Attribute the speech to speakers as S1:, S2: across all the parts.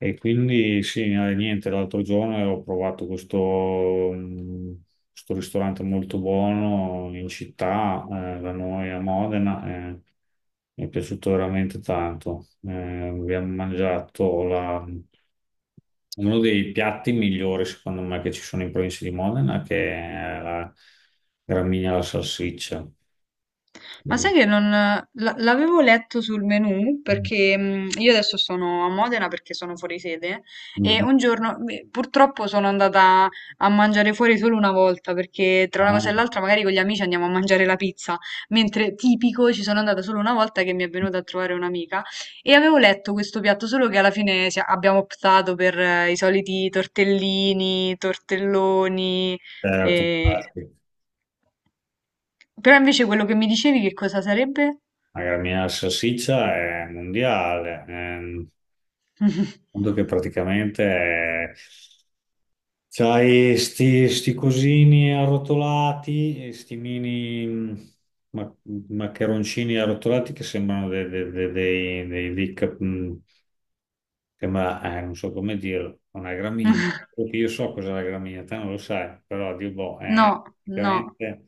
S1: E quindi sì, niente, l'altro giorno ho provato questo ristorante molto buono in città, da noi a Modena, e mi è piaciuto veramente tanto. Abbiamo mangiato uno dei piatti migliori, secondo me, che ci sono in provincia di Modena, che è la gramigna alla salsiccia.
S2: Ma
S1: Mm.
S2: sai che non la- l'avevo letto sul menù perché io adesso sono a Modena perché sono fuori sede e
S1: Mm.
S2: un giorno beh, purtroppo sono andata a mangiare fuori solo una volta perché tra
S1: Ah,
S2: una cosa e l'altra magari con gli amici andiamo a mangiare la pizza, mentre tipico ci sono andata solo una volta che mi è venuta a trovare un'amica e avevo letto questo piatto solo che alla fine abbiamo optato per i soliti tortellini, tortelloni,
S1: certo, ah,
S2: eh,
S1: sì.
S2: però invece quello che mi dicevi che cosa sarebbe?
S1: La gramigna alla salsiccia è mondiale. Mondo che praticamente c'hai sti cosini arrotolati, e sti mini ma- maccheroncini arrotolati che sembrano dei, sembra, non so come dirlo, una gramigna. Solo che io so cos'è la gramigna, te non lo sai, però Dio boh, è
S2: No, no.
S1: praticamente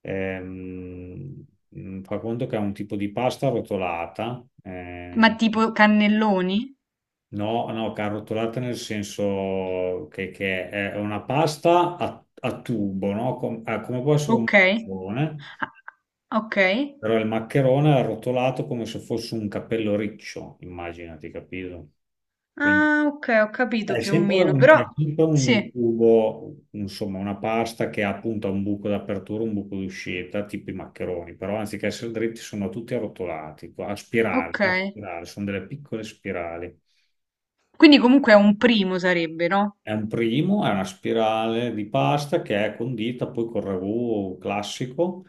S1: fa conto che è un tipo di pasta arrotolata,
S2: Ma tipo cannelloni?
S1: no, no, carrotolata nel senso che è una pasta a tubo, no? Come può essere un
S2: Okay.
S1: maccherone,
S2: Ah, okay.
S1: però il maccherone è arrotolato come se fosse un capello riccio, immaginati, capito? Quindi
S2: Ah, okay, ho capito più o meno, però
S1: è sempre un
S2: sì,
S1: tubo, insomma, una pasta che ha appunto un buco d'apertura, un buco d'uscita, tipo i maccheroni, però anziché essere dritti sono tutti arrotolati, a
S2: okay.
S1: spirale, sono delle piccole spirali.
S2: Quindi comunque è un primo sarebbe, no?
S1: È un primo, è una spirale di pasta che è condita poi col ragù classico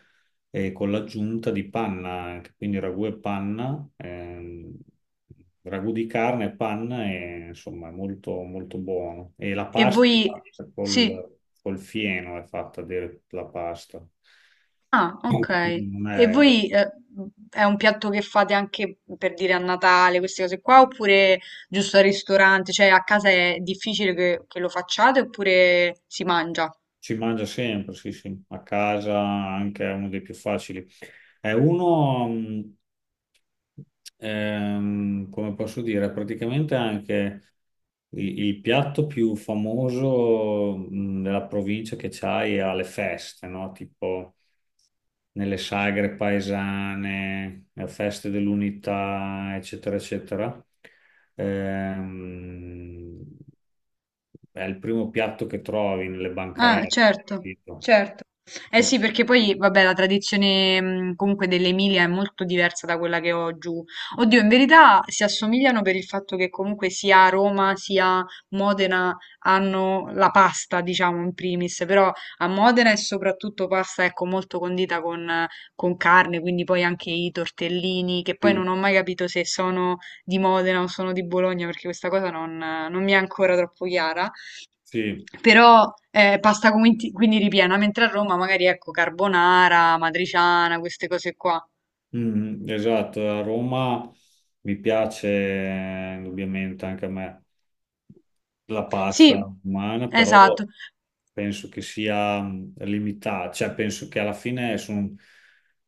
S1: e con l'aggiunta di panna, anche, quindi ragù e panna, ragù di carne e panna, e, insomma è molto buono. E la
S2: E
S1: pasta
S2: voi
S1: è fatta
S2: sì.
S1: col fieno, è fatta dire la pasta.
S2: Ah, okay.
S1: Mm. Non
S2: E
S1: è.
S2: voi è un piatto che fate anche per dire a Natale, queste cose qua, oppure giusto al ristorante? Cioè a casa è difficile che lo facciate oppure si mangia?
S1: Si mangia sempre, sì, sì, a casa anche è uno dei più facili. È uno, come posso dire, praticamente anche il piatto più famoso, della provincia che c'hai alle feste, no? Tipo nelle sagre paesane, a feste dell'unità, eccetera, eccetera. Ehm, è il primo piatto che trovi nelle
S2: Ah,
S1: bancarelle,
S2: certo,
S1: capito?
S2: certo. Eh sì, perché poi, vabbè, la tradizione comunque dell'Emilia è molto diversa da quella che ho giù. Oddio, in verità si assomigliano per il fatto che comunque sia Roma sia Modena hanno la pasta, diciamo, in primis, però a Modena è soprattutto pasta, ecco, molto condita con carne, quindi poi anche i tortellini, che poi non
S1: Sì,
S2: ho mai capito se sono di Modena o sono di Bologna, perché questa cosa non mi è ancora troppo chiara.
S1: sì.
S2: Però pasta quindi ripiena, mentre a Roma magari ecco carbonara, matriciana, queste cose qua.
S1: Mm, esatto, a Roma mi piace indubbiamente anche a me la pasta
S2: Sì,
S1: romana, però
S2: esatto.
S1: penso che sia mm, limitata, cioè penso che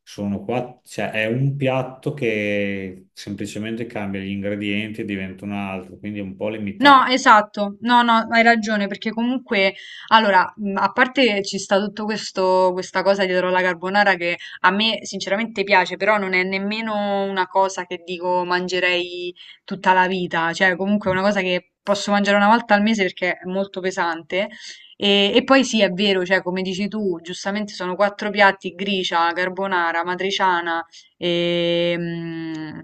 S1: sono qua, cioè è un piatto che semplicemente cambia gli ingredienti e diventa un altro, quindi è un po'
S2: No,
S1: limitato.
S2: esatto, no, no, hai ragione, perché comunque, allora, a parte ci sta tutto questo, questa cosa dietro la carbonara che a me sinceramente piace, però non è nemmeno una cosa che dico mangerei tutta la vita, cioè comunque è una cosa che posso mangiare una volta al mese perché è molto pesante. E poi sì, è vero, cioè come dici tu, giustamente sono quattro piatti, gricia, carbonara, matriciana, e,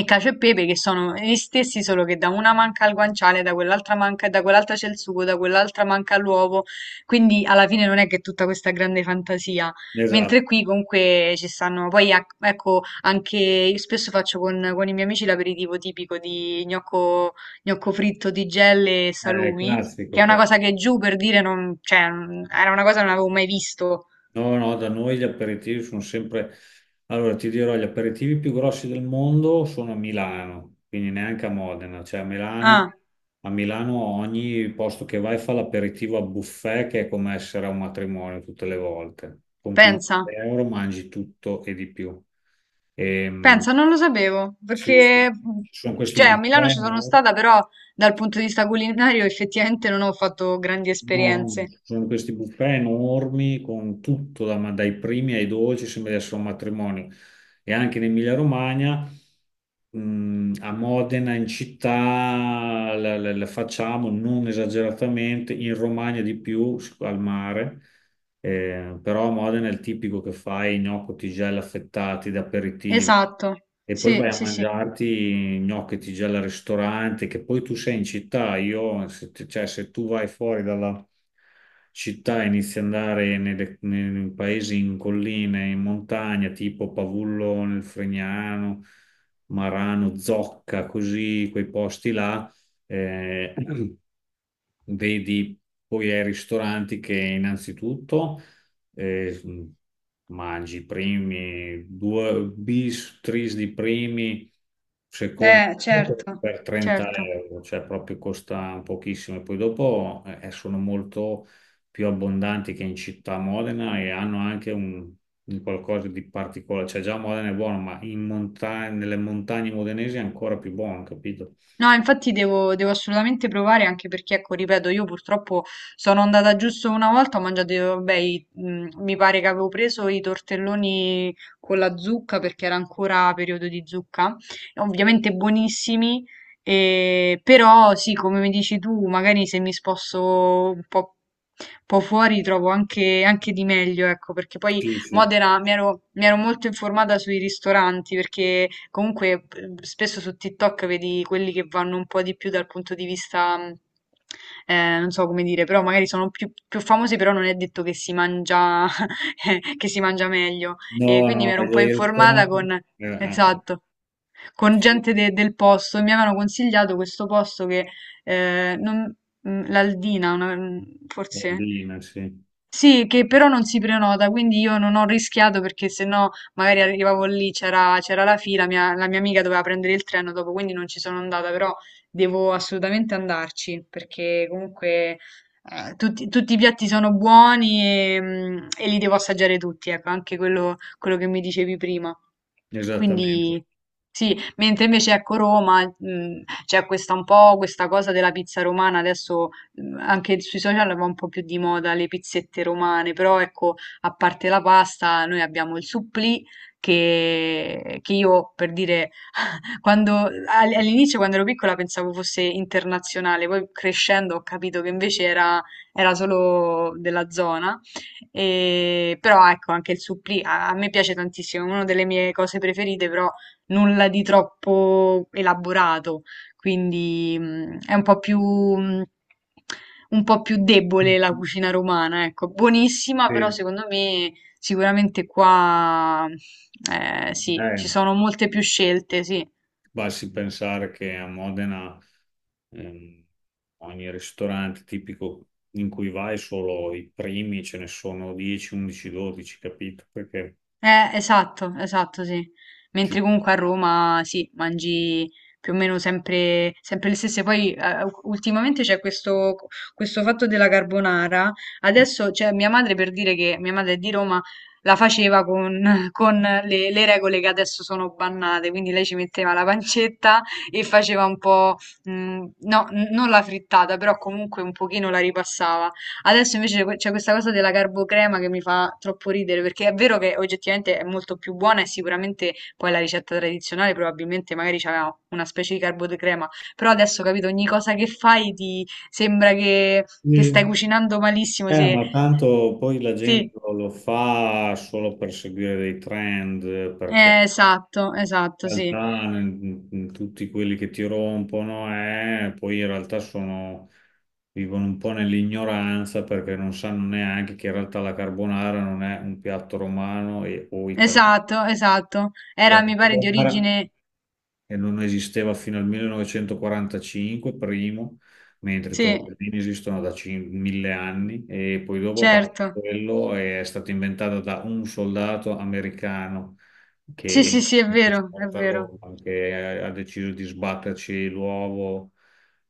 S2: e cacio e pepe che sono gli stessi, solo che da una manca al guanciale, da quell'altra manca, da quell'altra c'è il sugo, da quell'altra manca l'uovo, quindi alla fine non è che è tutta questa grande fantasia,
S1: Esatto,
S2: mentre qui comunque ci stanno, poi ecco, anche io spesso faccio con i miei amici l'aperitivo tipico di gnocco, gnocco fritto di gelle e
S1: è
S2: salumi, che
S1: classico,
S2: è una
S1: classico.
S2: cosa che giù per dire non, cioè, era una cosa che non avevo mai visto.
S1: No, no, da noi gli aperitivi sono sempre... Allora, ti dirò, gli aperitivi più grossi del mondo sono a Milano, quindi neanche a Modena,
S2: Ah,
S1: a Milano ogni posto che vai fa l'aperitivo a buffet, che è come essere a un matrimonio tutte le volte. Con 15
S2: pensa.
S1: euro mangi tutto e di più. E,
S2: Pensa, non lo sapevo,
S1: sì, sì,
S2: perché
S1: ci sono questi
S2: cioè, a Milano
S1: buffet,
S2: ci sono
S1: no?
S2: stata, però dal punto di vista culinario effettivamente non ho fatto grandi
S1: No,
S2: esperienze.
S1: ci sono questi buffet enormi con tutto, ma dai primi ai dolci, sembra di essere un matrimonio. E anche in Emilia-Romagna, a Modena, in città, la facciamo non esageratamente, in Romagna di più, s- al mare. Però a Modena è il tipico che fai gnocchi, tigelle affettati da aperitivo.
S2: Esatto,
S1: E poi
S2: sì,
S1: vai a
S2: sì, sì.
S1: mangiarti gnocchetti già al ristorante, che poi tu sei in città. Io, se, t- Cioè, se tu vai fuori dalla città e inizi ad andare nei paesi in colline, in montagna, tipo Pavullo nel Fregnano, Marano, Zocca, così, quei posti là, eh, vedi poi ai ristoranti che innanzitutto eh, mangi i primi due bis, tris di primi, secondi
S2: Certo,
S1: per 30
S2: certo.
S1: euro, cioè proprio costa pochissimo. E poi dopo sono molto più abbondanti che in città a Modena e hanno anche un qualcosa di particolare. Cioè già Modena è buono, ma in nelle montagne modenesi è ancora più buono, capito?
S2: No, infatti devo, devo assolutamente provare anche perché, ecco, ripeto, io purtroppo sono andata giusto una volta, ho mangiato, vabbè, mi pare che avevo preso i tortelloni con la zucca perché era ancora periodo di zucca, ovviamente buonissimi, però sì, come mi dici tu, magari se mi sposto un po' fuori trovo anche, anche di meglio, ecco, perché poi
S1: Sì, sì.
S2: Modena mi ero molto informata sui ristoranti perché comunque spesso su TikTok vedi quelli che vanno un po' di più dal punto di vista, non so come dire, però magari sono più, più famosi, però non è detto che si mangia, che si mangia meglio. E
S1: No,
S2: quindi mi
S1: no,
S2: ero un po'
S1: gli
S2: informata con,
S1: ristoranti... eh.
S2: esatto, con gente del posto e mi avevano consigliato questo posto che eh, non- l'Aldina, forse
S1: Collina, sì,
S2: sì, che però non si prenota, quindi io non ho rischiato perché sennò magari arrivavo lì, c'era la fila, la mia amica doveva prendere il treno dopo, quindi non ci sono andata, però devo assolutamente andarci perché comunque tutti, tutti i piatti sono buoni e, e li devo assaggiare tutti, ecco, anche quello che mi dicevi prima.
S1: esattamente.
S2: Quindi sì, mentre invece ecco Roma, c'è questa un po' questa cosa della pizza romana, adesso anche sui social va un po' più di moda le pizzette romane, però ecco, a parte la pasta, noi abbiamo il supplì che io per dire quando, all'inizio, quando ero piccola, pensavo fosse internazionale, poi crescendo ho capito che invece era, era solo della zona. E, però ecco, anche il supplì a, a me piace tantissimo, è una delle mie cose preferite, però nulla di troppo elaborato, quindi è un po' più... un po' più debole la
S1: Sì,
S2: cucina romana, ecco, buonissima, però secondo me sicuramente qua sì, ci
S1: eh,
S2: sono molte più scelte, sì.
S1: basti pensare che a Modena ehm, ogni ristorante tipico in cui vai solo i primi ce ne sono 10, 11, 12, capito?
S2: Esatto, esatto, sì.
S1: Ci-
S2: Mentre comunque a Roma, sì, mangi più o meno sempre, sempre le stesse. Poi ultimamente c'è questo, questo fatto della carbonara. Adesso, cioè, mia madre per dire che mia madre è di Roma, la faceva con, con le regole che adesso sono bannate. Quindi lei ci metteva la pancetta e faceva un po', mh, no, non la frittata, però comunque un pochino la ripassava. Adesso invece c'è questa cosa della carbocrema che mi fa troppo ridere, perché è vero che oggettivamente è molto più buona e sicuramente poi la ricetta tradizionale probabilmente magari c'aveva una specie di carbocrema, però adesso capito, ogni cosa che fai ti sembra che stai
S1: Sì.
S2: cucinando malissimo, se...
S1: Ma tanto poi la
S2: Sì,
S1: gente lo fa solo per seguire dei trend, perché
S2: esatto, esatto,
S1: in
S2: sì,
S1: realtà tutti quelli che ti rompono poi in realtà vivono un po' nell'ignoranza perché non sanno neanche che in realtà la carbonara non è un piatto romano o italiano.
S2: esatto, esatto. Era, mi
S1: Esatto.
S2: pare, di
S1: Allora,
S2: origine...
S1: e non esisteva fino al 1945, primo, mentre i
S2: Sì,
S1: tortellini esistono da 1000 anni e poi dopo, a parte
S2: certo.
S1: quello, è stata inventata da un soldato americano che
S2: Sì,
S1: era
S2: sì, sì, è
S1: in
S2: vero, è
S1: trasporta a
S2: vero.
S1: Roma, che ha deciso di sbatterci l'uovo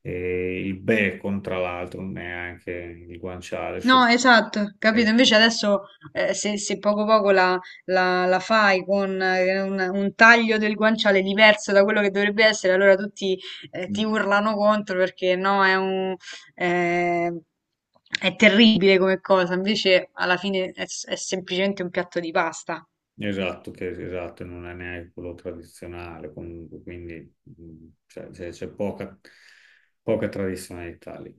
S1: e il bacon, tra l'altro, neanche il guanciale.
S2: No,
S1: So-
S2: esatto, capito. Invece adesso se, se poco poco la, la fai con un taglio del guanciale diverso da quello che dovrebbe essere, allora tutti ti urlano contro perché no, è un, eh, è terribile come cosa. Invece alla fine è, è semplicemente un piatto di pasta.
S1: Esatto, che esatto, non è neanche quello tradizionale, comunque, quindi cioè, c'è poca, poca tradizionalità lì.